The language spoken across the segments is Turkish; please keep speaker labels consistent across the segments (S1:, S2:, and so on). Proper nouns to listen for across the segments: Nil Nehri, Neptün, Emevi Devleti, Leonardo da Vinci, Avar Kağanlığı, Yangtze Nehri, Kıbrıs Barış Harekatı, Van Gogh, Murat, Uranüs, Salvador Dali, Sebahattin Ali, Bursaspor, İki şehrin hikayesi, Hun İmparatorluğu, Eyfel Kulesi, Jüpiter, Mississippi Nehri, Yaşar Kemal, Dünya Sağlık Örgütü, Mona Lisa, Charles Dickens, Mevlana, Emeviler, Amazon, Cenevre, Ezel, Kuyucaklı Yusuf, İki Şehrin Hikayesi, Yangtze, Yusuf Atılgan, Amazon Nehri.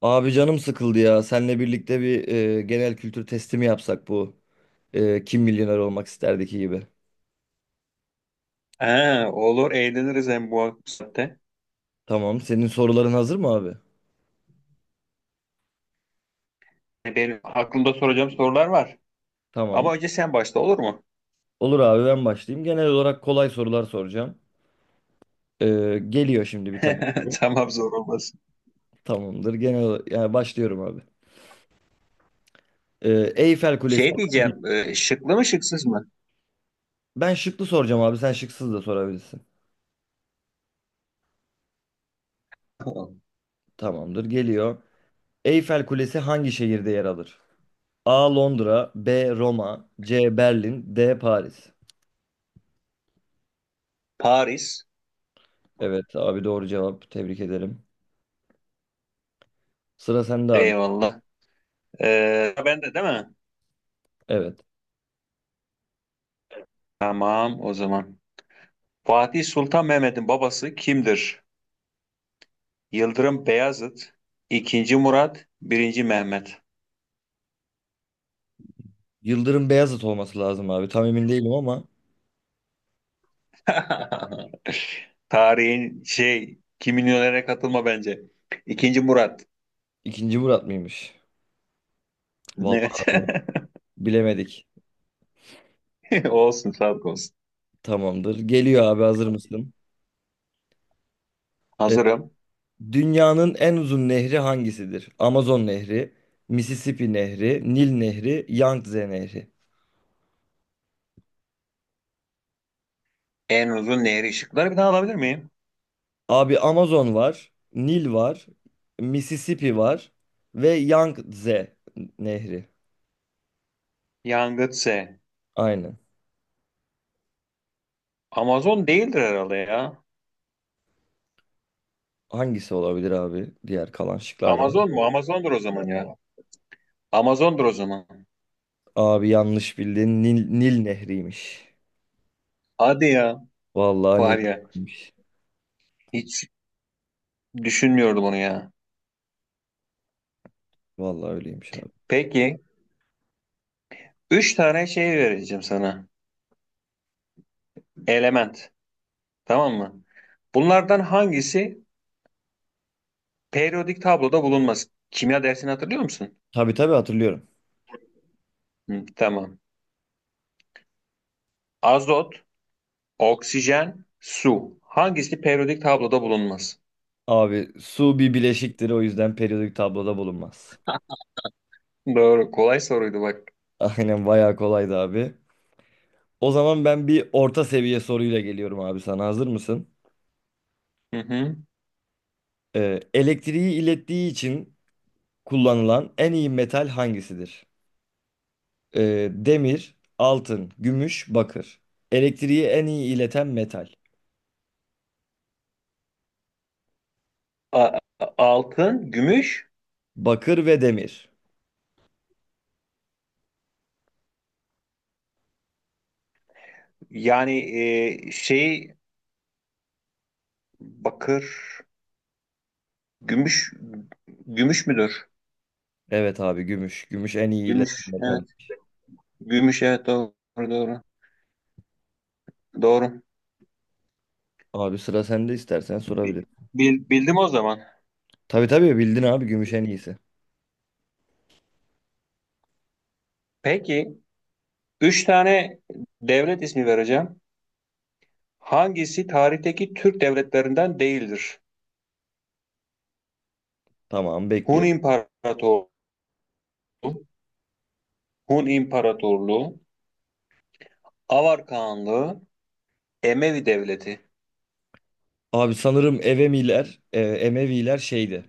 S1: Abi canım sıkıldı ya. Seninle birlikte bir genel kültür testi mi yapsak bu Kim Milyoner Olmak isterdeki gibi.
S2: Ha, olur eğleniriz hem bu saatte.
S1: Tamam. Senin soruların hazır mı abi?
S2: Hani benim aklımda soracağım sorular var.
S1: Tamam.
S2: Ama önce sen başla, olur mu?
S1: Olur abi ben başlayayım. Genel olarak kolay sorular soracağım. E, geliyor şimdi bir tane. Soru.
S2: Tamam, zor olmasın.
S1: Tamamdır. Yani başlıyorum abi. E, Eyfel Kulesi.
S2: Şey diyeceğim, şıklı mı şıksız mı?
S1: Ben şıklı soracağım abi. Sen şıksız da sorabilirsin. Tamamdır. Geliyor. Eyfel Kulesi hangi şehirde yer alır? A. Londra, B. Roma, C. Berlin, D. Paris.
S2: Paris.
S1: Evet abi doğru cevap. Tebrik ederim. Sıra sende abi.
S2: Eyvallah. Ben de değil mi?
S1: Evet.
S2: Tamam, o zaman. Fatih Sultan Mehmet'in babası kimdir? Yıldırım Beyazıt, ikinci Murat, birinci Mehmet.
S1: Yıldırım Beyazıt olması lazım abi. Tam emin değilim ama
S2: Tarihin Kim Milyonere katılma bence. İkinci Murat.
S1: ikinci Murat mıymış? Vallahi
S2: Evet.
S1: abi bilemedik.
S2: Olsun, sağlık olsun.
S1: Tamamdır. Geliyor abi hazır mısın? Evet.
S2: Hazırım.
S1: Dünyanın en uzun nehri hangisidir? Amazon Nehri, Mississippi Nehri, Nil Nehri, Yangtze Nehri.
S2: En uzun nehir, ışıkları bir daha alabilir miyim?
S1: Abi Amazon var, Nil var, Mississippi var ve Yangtze Nehri.
S2: Yangtze.
S1: Aynen.
S2: Amazon değildir herhalde ya.
S1: Hangisi olabilir abi diğer kalan şıklardan?
S2: Amazon mu? Amazondur o zaman ya. Amazondur o zaman.
S1: Abi yanlış bildin. Nil Nehri'ymiş.
S2: Hadi ya.
S1: Vallahi Nil
S2: Var ya.
S1: Nehri'ymiş.
S2: Hiç düşünmüyordum onu ya.
S1: Vallahi öyleymiş abi.
S2: Peki. Üç tane şey vereceğim sana. Element. Tamam mı? Bunlardan hangisi periyodik tabloda bulunmaz? Kimya dersini hatırlıyor musun?
S1: Tabii tabii, hatırlıyorum.
S2: Hı, tamam. Azot, oksijen, su. Hangisi periyodik tabloda bulunmaz?
S1: Abi su bir bileşiktir, o yüzden periyodik tabloda bulunmaz.
S2: Doğru. Kolay soruydu bak.
S1: Aynen bayağı kolaydı abi. O zaman ben bir orta seviye soruyla geliyorum abi sana. Hazır mısın?
S2: Hı hı.
S1: Elektriği ilettiği için kullanılan en iyi metal hangisidir? Demir, altın, gümüş, bakır. Elektriği en iyi ileten metal.
S2: Altın, gümüş,
S1: Bakır ve demir.
S2: yani e, şey bakır, gümüş, gümüş müdür?
S1: Evet abi gümüş. Gümüş en iyi iletişim
S2: Gümüş.
S1: metal.
S2: Evet. Gümüş, evet. Doğru, doğru. Doğru.
S1: Abi sıra sende istersen sorabilir.
S2: Bildim o zaman.
S1: Tabii tabii, bildin abi, gümüş en iyisi.
S2: Peki, üç tane devlet ismi vereceğim. Hangisi tarihteki Türk devletlerinden değildir?
S1: Tamam
S2: Hun
S1: bekliyor.
S2: İmparatorluğu, Hun İmparatorluğu, Avar Kağanlığı, Emevi Devleti.
S1: Abi sanırım Emeviler şeydi.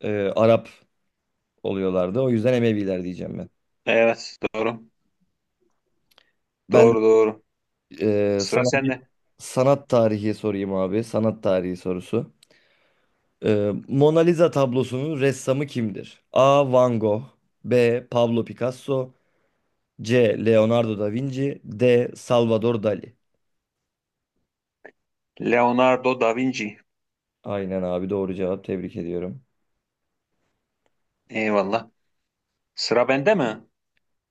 S1: e, Arap oluyorlardı. O yüzden Emeviler diyeceğim ben.
S2: Evet, doğru.
S1: Ben
S2: Doğru, doğru. Sıra
S1: sana bir
S2: sende.
S1: sanat tarihi sorayım abi. Sanat tarihi sorusu. Mona Lisa tablosunun ressamı kimdir? A. Van Gogh, B. Pablo Picasso, C. Leonardo da Vinci, D. Salvador Dali.
S2: Leonardo da Vinci.
S1: Aynen abi doğru cevap, tebrik ediyorum.
S2: Eyvallah. Sıra bende mi?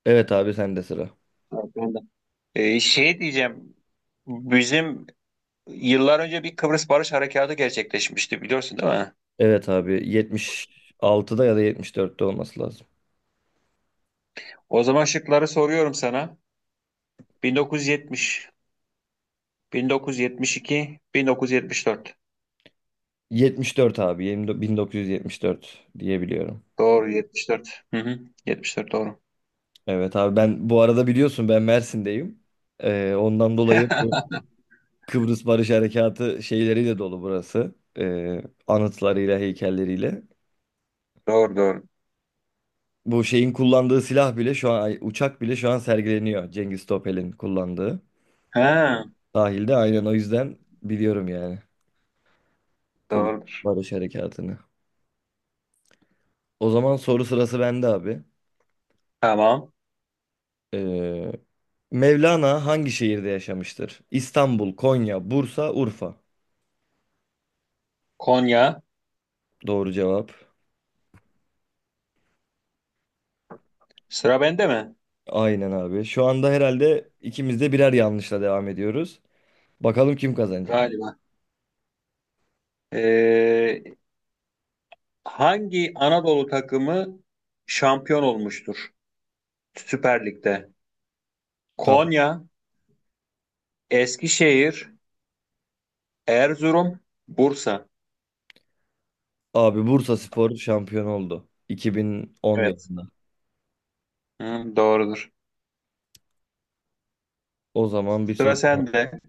S1: Evet abi sende sıra.
S2: Evet, bende. Şey diyeceğim. Bizim yıllar önce bir Kıbrıs Barış Harekatı gerçekleşmişti, biliyorsun değil mi?
S1: Evet abi 76'da ya da 74'te olması lazım.
S2: O zaman şıkları soruyorum sana. 1970, 1972, 1974.
S1: 74 abi 20 1974 diyebiliyorum.
S2: Doğru, 74. Hı hı. 74 doğru.
S1: Evet abi, ben bu arada biliyorsun, ben Mersin'deyim. Ondan dolayı bu Kıbrıs Barış Harekatı şeyleriyle dolu burası. Anıtlarıyla, heykelleriyle.
S2: Doğru, doğru.
S1: Bu şeyin kullandığı silah bile şu an ay, uçak bile şu an sergileniyor. Cengiz Topel'in kullandığı.
S2: Ha,
S1: Sahilde aynen, o yüzden biliyorum yani. Kıbrıs
S2: doğrudur.
S1: Barış Harekatı'nı. O zaman soru sırası bende abi.
S2: Tamam.
S1: Ee, Mevlana hangi şehirde yaşamıştır? İstanbul, Konya, Bursa, Urfa.
S2: Konya.
S1: Doğru cevap.
S2: Sıra bende mi?
S1: Aynen abi. Şu anda herhalde ikimiz de birer yanlışla devam ediyoruz. Bakalım kim kazanacak.
S2: Galiba. Ee, Hangi Anadolu takımı şampiyon olmuştur Süper Lig'de?
S1: Tamam.
S2: Konya, Eskişehir, Erzurum, Bursa.
S1: Abi Bursaspor şampiyon oldu 2010
S2: Evet.
S1: yılında.
S2: Hı, doğrudur.
S1: O zaman bir
S2: Sıra
S1: soru daha.
S2: sende.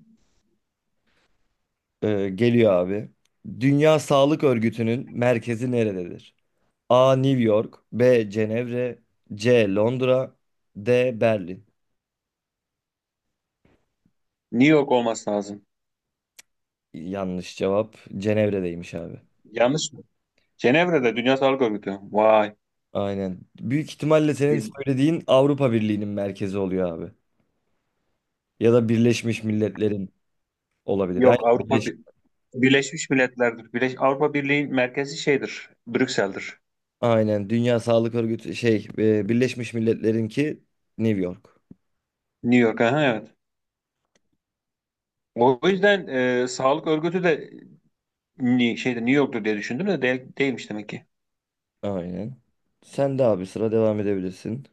S1: Geliyor abi. Dünya Sağlık Örgütü'nün merkezi nerededir? A. New York, B. Cenevre, C. Londra, D. Berlin.
S2: New York olması lazım.
S1: Yanlış cevap, Cenevre'deymiş abi.
S2: Yanlış mı? Cenevre'de Dünya Sağlık Örgütü. Vay.
S1: Aynen. Büyük ihtimalle senin
S2: Bir-
S1: söylediğin Avrupa Birliği'nin merkezi oluyor abi. Ya da Birleşmiş Milletler'in olabilir. Yani
S2: Yok,
S1: Birleş,
S2: Birleşmiş Milletler'dir. Avrupa Birliği'nin merkezi şeydir. Brüksel'dir.
S1: aynen. Dünya Sağlık Örgütü şey Birleşmiş Milletler'inki New York.
S2: New York. Aha, evet. O yüzden Sağlık Örgütü de şeyde New York'tur diye düşündüm de değilmiş demek ki.
S1: Aynen. Sen de abi sıra devam edebilirsin.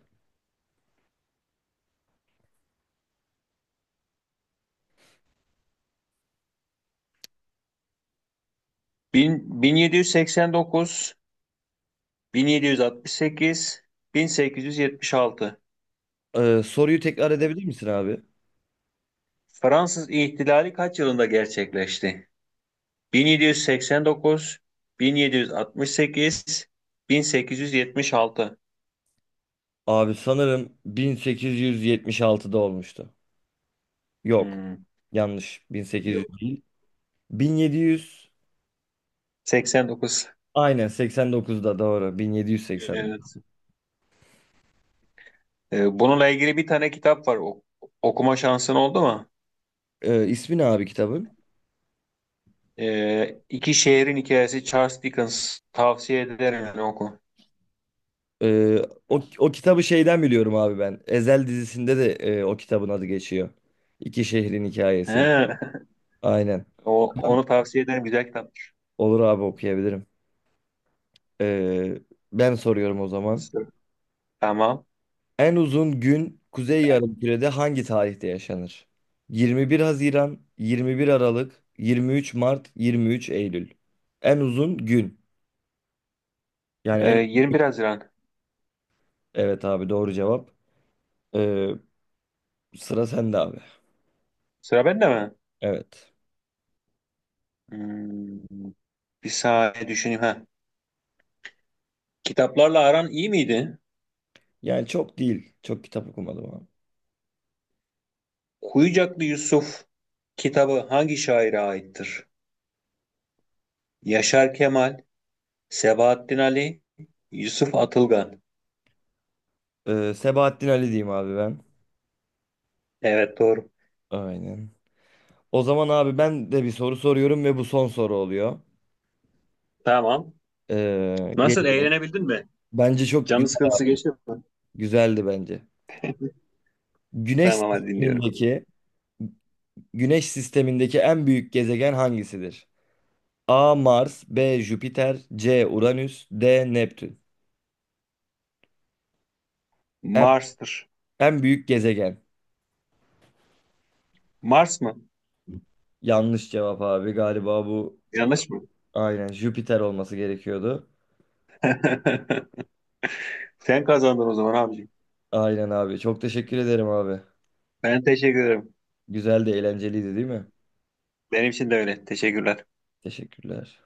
S2: 1789, 1768, 1876.
S1: Soruyu tekrar edebilir misin abi?
S2: Fransız İhtilali kaç yılında gerçekleşti? 1789, 1768, 1876.
S1: Abi sanırım 1876'da olmuştu. Yok.
S2: Hmm.
S1: Yanlış. 1800
S2: Yok.
S1: değil. 1700.
S2: 89.
S1: Aynen 89'da doğru. 1780.
S2: Evet. Bununla ilgili bir tane kitap var. Okuma şansın oldu mu?
S1: İsmi ne abi kitabın?
S2: İki Şehrin Hikayesi, Charles Dickens. Tavsiye ederim, yani oku.
S1: Ee, o kitabı şeyden biliyorum abi ben. Ezel dizisinde de o kitabın adı geçiyor. İki şehrin hikayesi.
S2: He.
S1: Aynen.
S2: Onu tavsiye ederim. Güzel kitap.
S1: Olur abi, okuyabilirim. Ee, ben soruyorum o zaman.
S2: Tamam.
S1: En uzun gün Kuzey Yarımküre'de hangi tarihte yaşanır? 21 Haziran, 21 Aralık, 23 Mart, 23 Eylül. En uzun gün. Yani en,
S2: 21 Haziran.
S1: evet abi doğru cevap. Ee, sıra sende abi.
S2: Sıra bende mi?
S1: Evet.
S2: Hmm, bir saniye düşüneyim. Ha. Kitaplarla aran iyi miydi?
S1: Yani çok değil. Çok kitap okumadım abi.
S2: Kuyucaklı Yusuf kitabı hangi şaire aittir? Yaşar Kemal, Sebahattin Ali, Yusuf Atılgan.
S1: Sebahattin Ali diyeyim abi ben.
S2: Evet, doğru.
S1: Aynen. O zaman abi ben de bir soru soruyorum ve bu son soru oluyor.
S2: Tamam. Nasıl,
S1: Geliyor.
S2: eğlenebildin mi?
S1: Bence çok
S2: Canın
S1: güzel,
S2: sıkıntısı geçti mi?
S1: güzeldi bence. Güneş
S2: Tamam, hadi dinliyorum.
S1: sistemindeki Güneş sistemindeki en büyük gezegen hangisidir? A. Mars, B. Jüpiter, C. Uranüs, D. Neptün. En,
S2: Mars'tır.
S1: en büyük gezegen.
S2: Mars mı?
S1: Yanlış cevap abi galiba bu,
S2: Yanlış mı?
S1: aynen Jüpiter olması gerekiyordu.
S2: Sen kazandın o zaman abiciğim.
S1: Aynen abi. Çok teşekkür ederim abi.
S2: Ben teşekkür ederim.
S1: Güzel de eğlenceliydi değil mi?
S2: Benim için de öyle. Teşekkürler.
S1: Teşekkürler.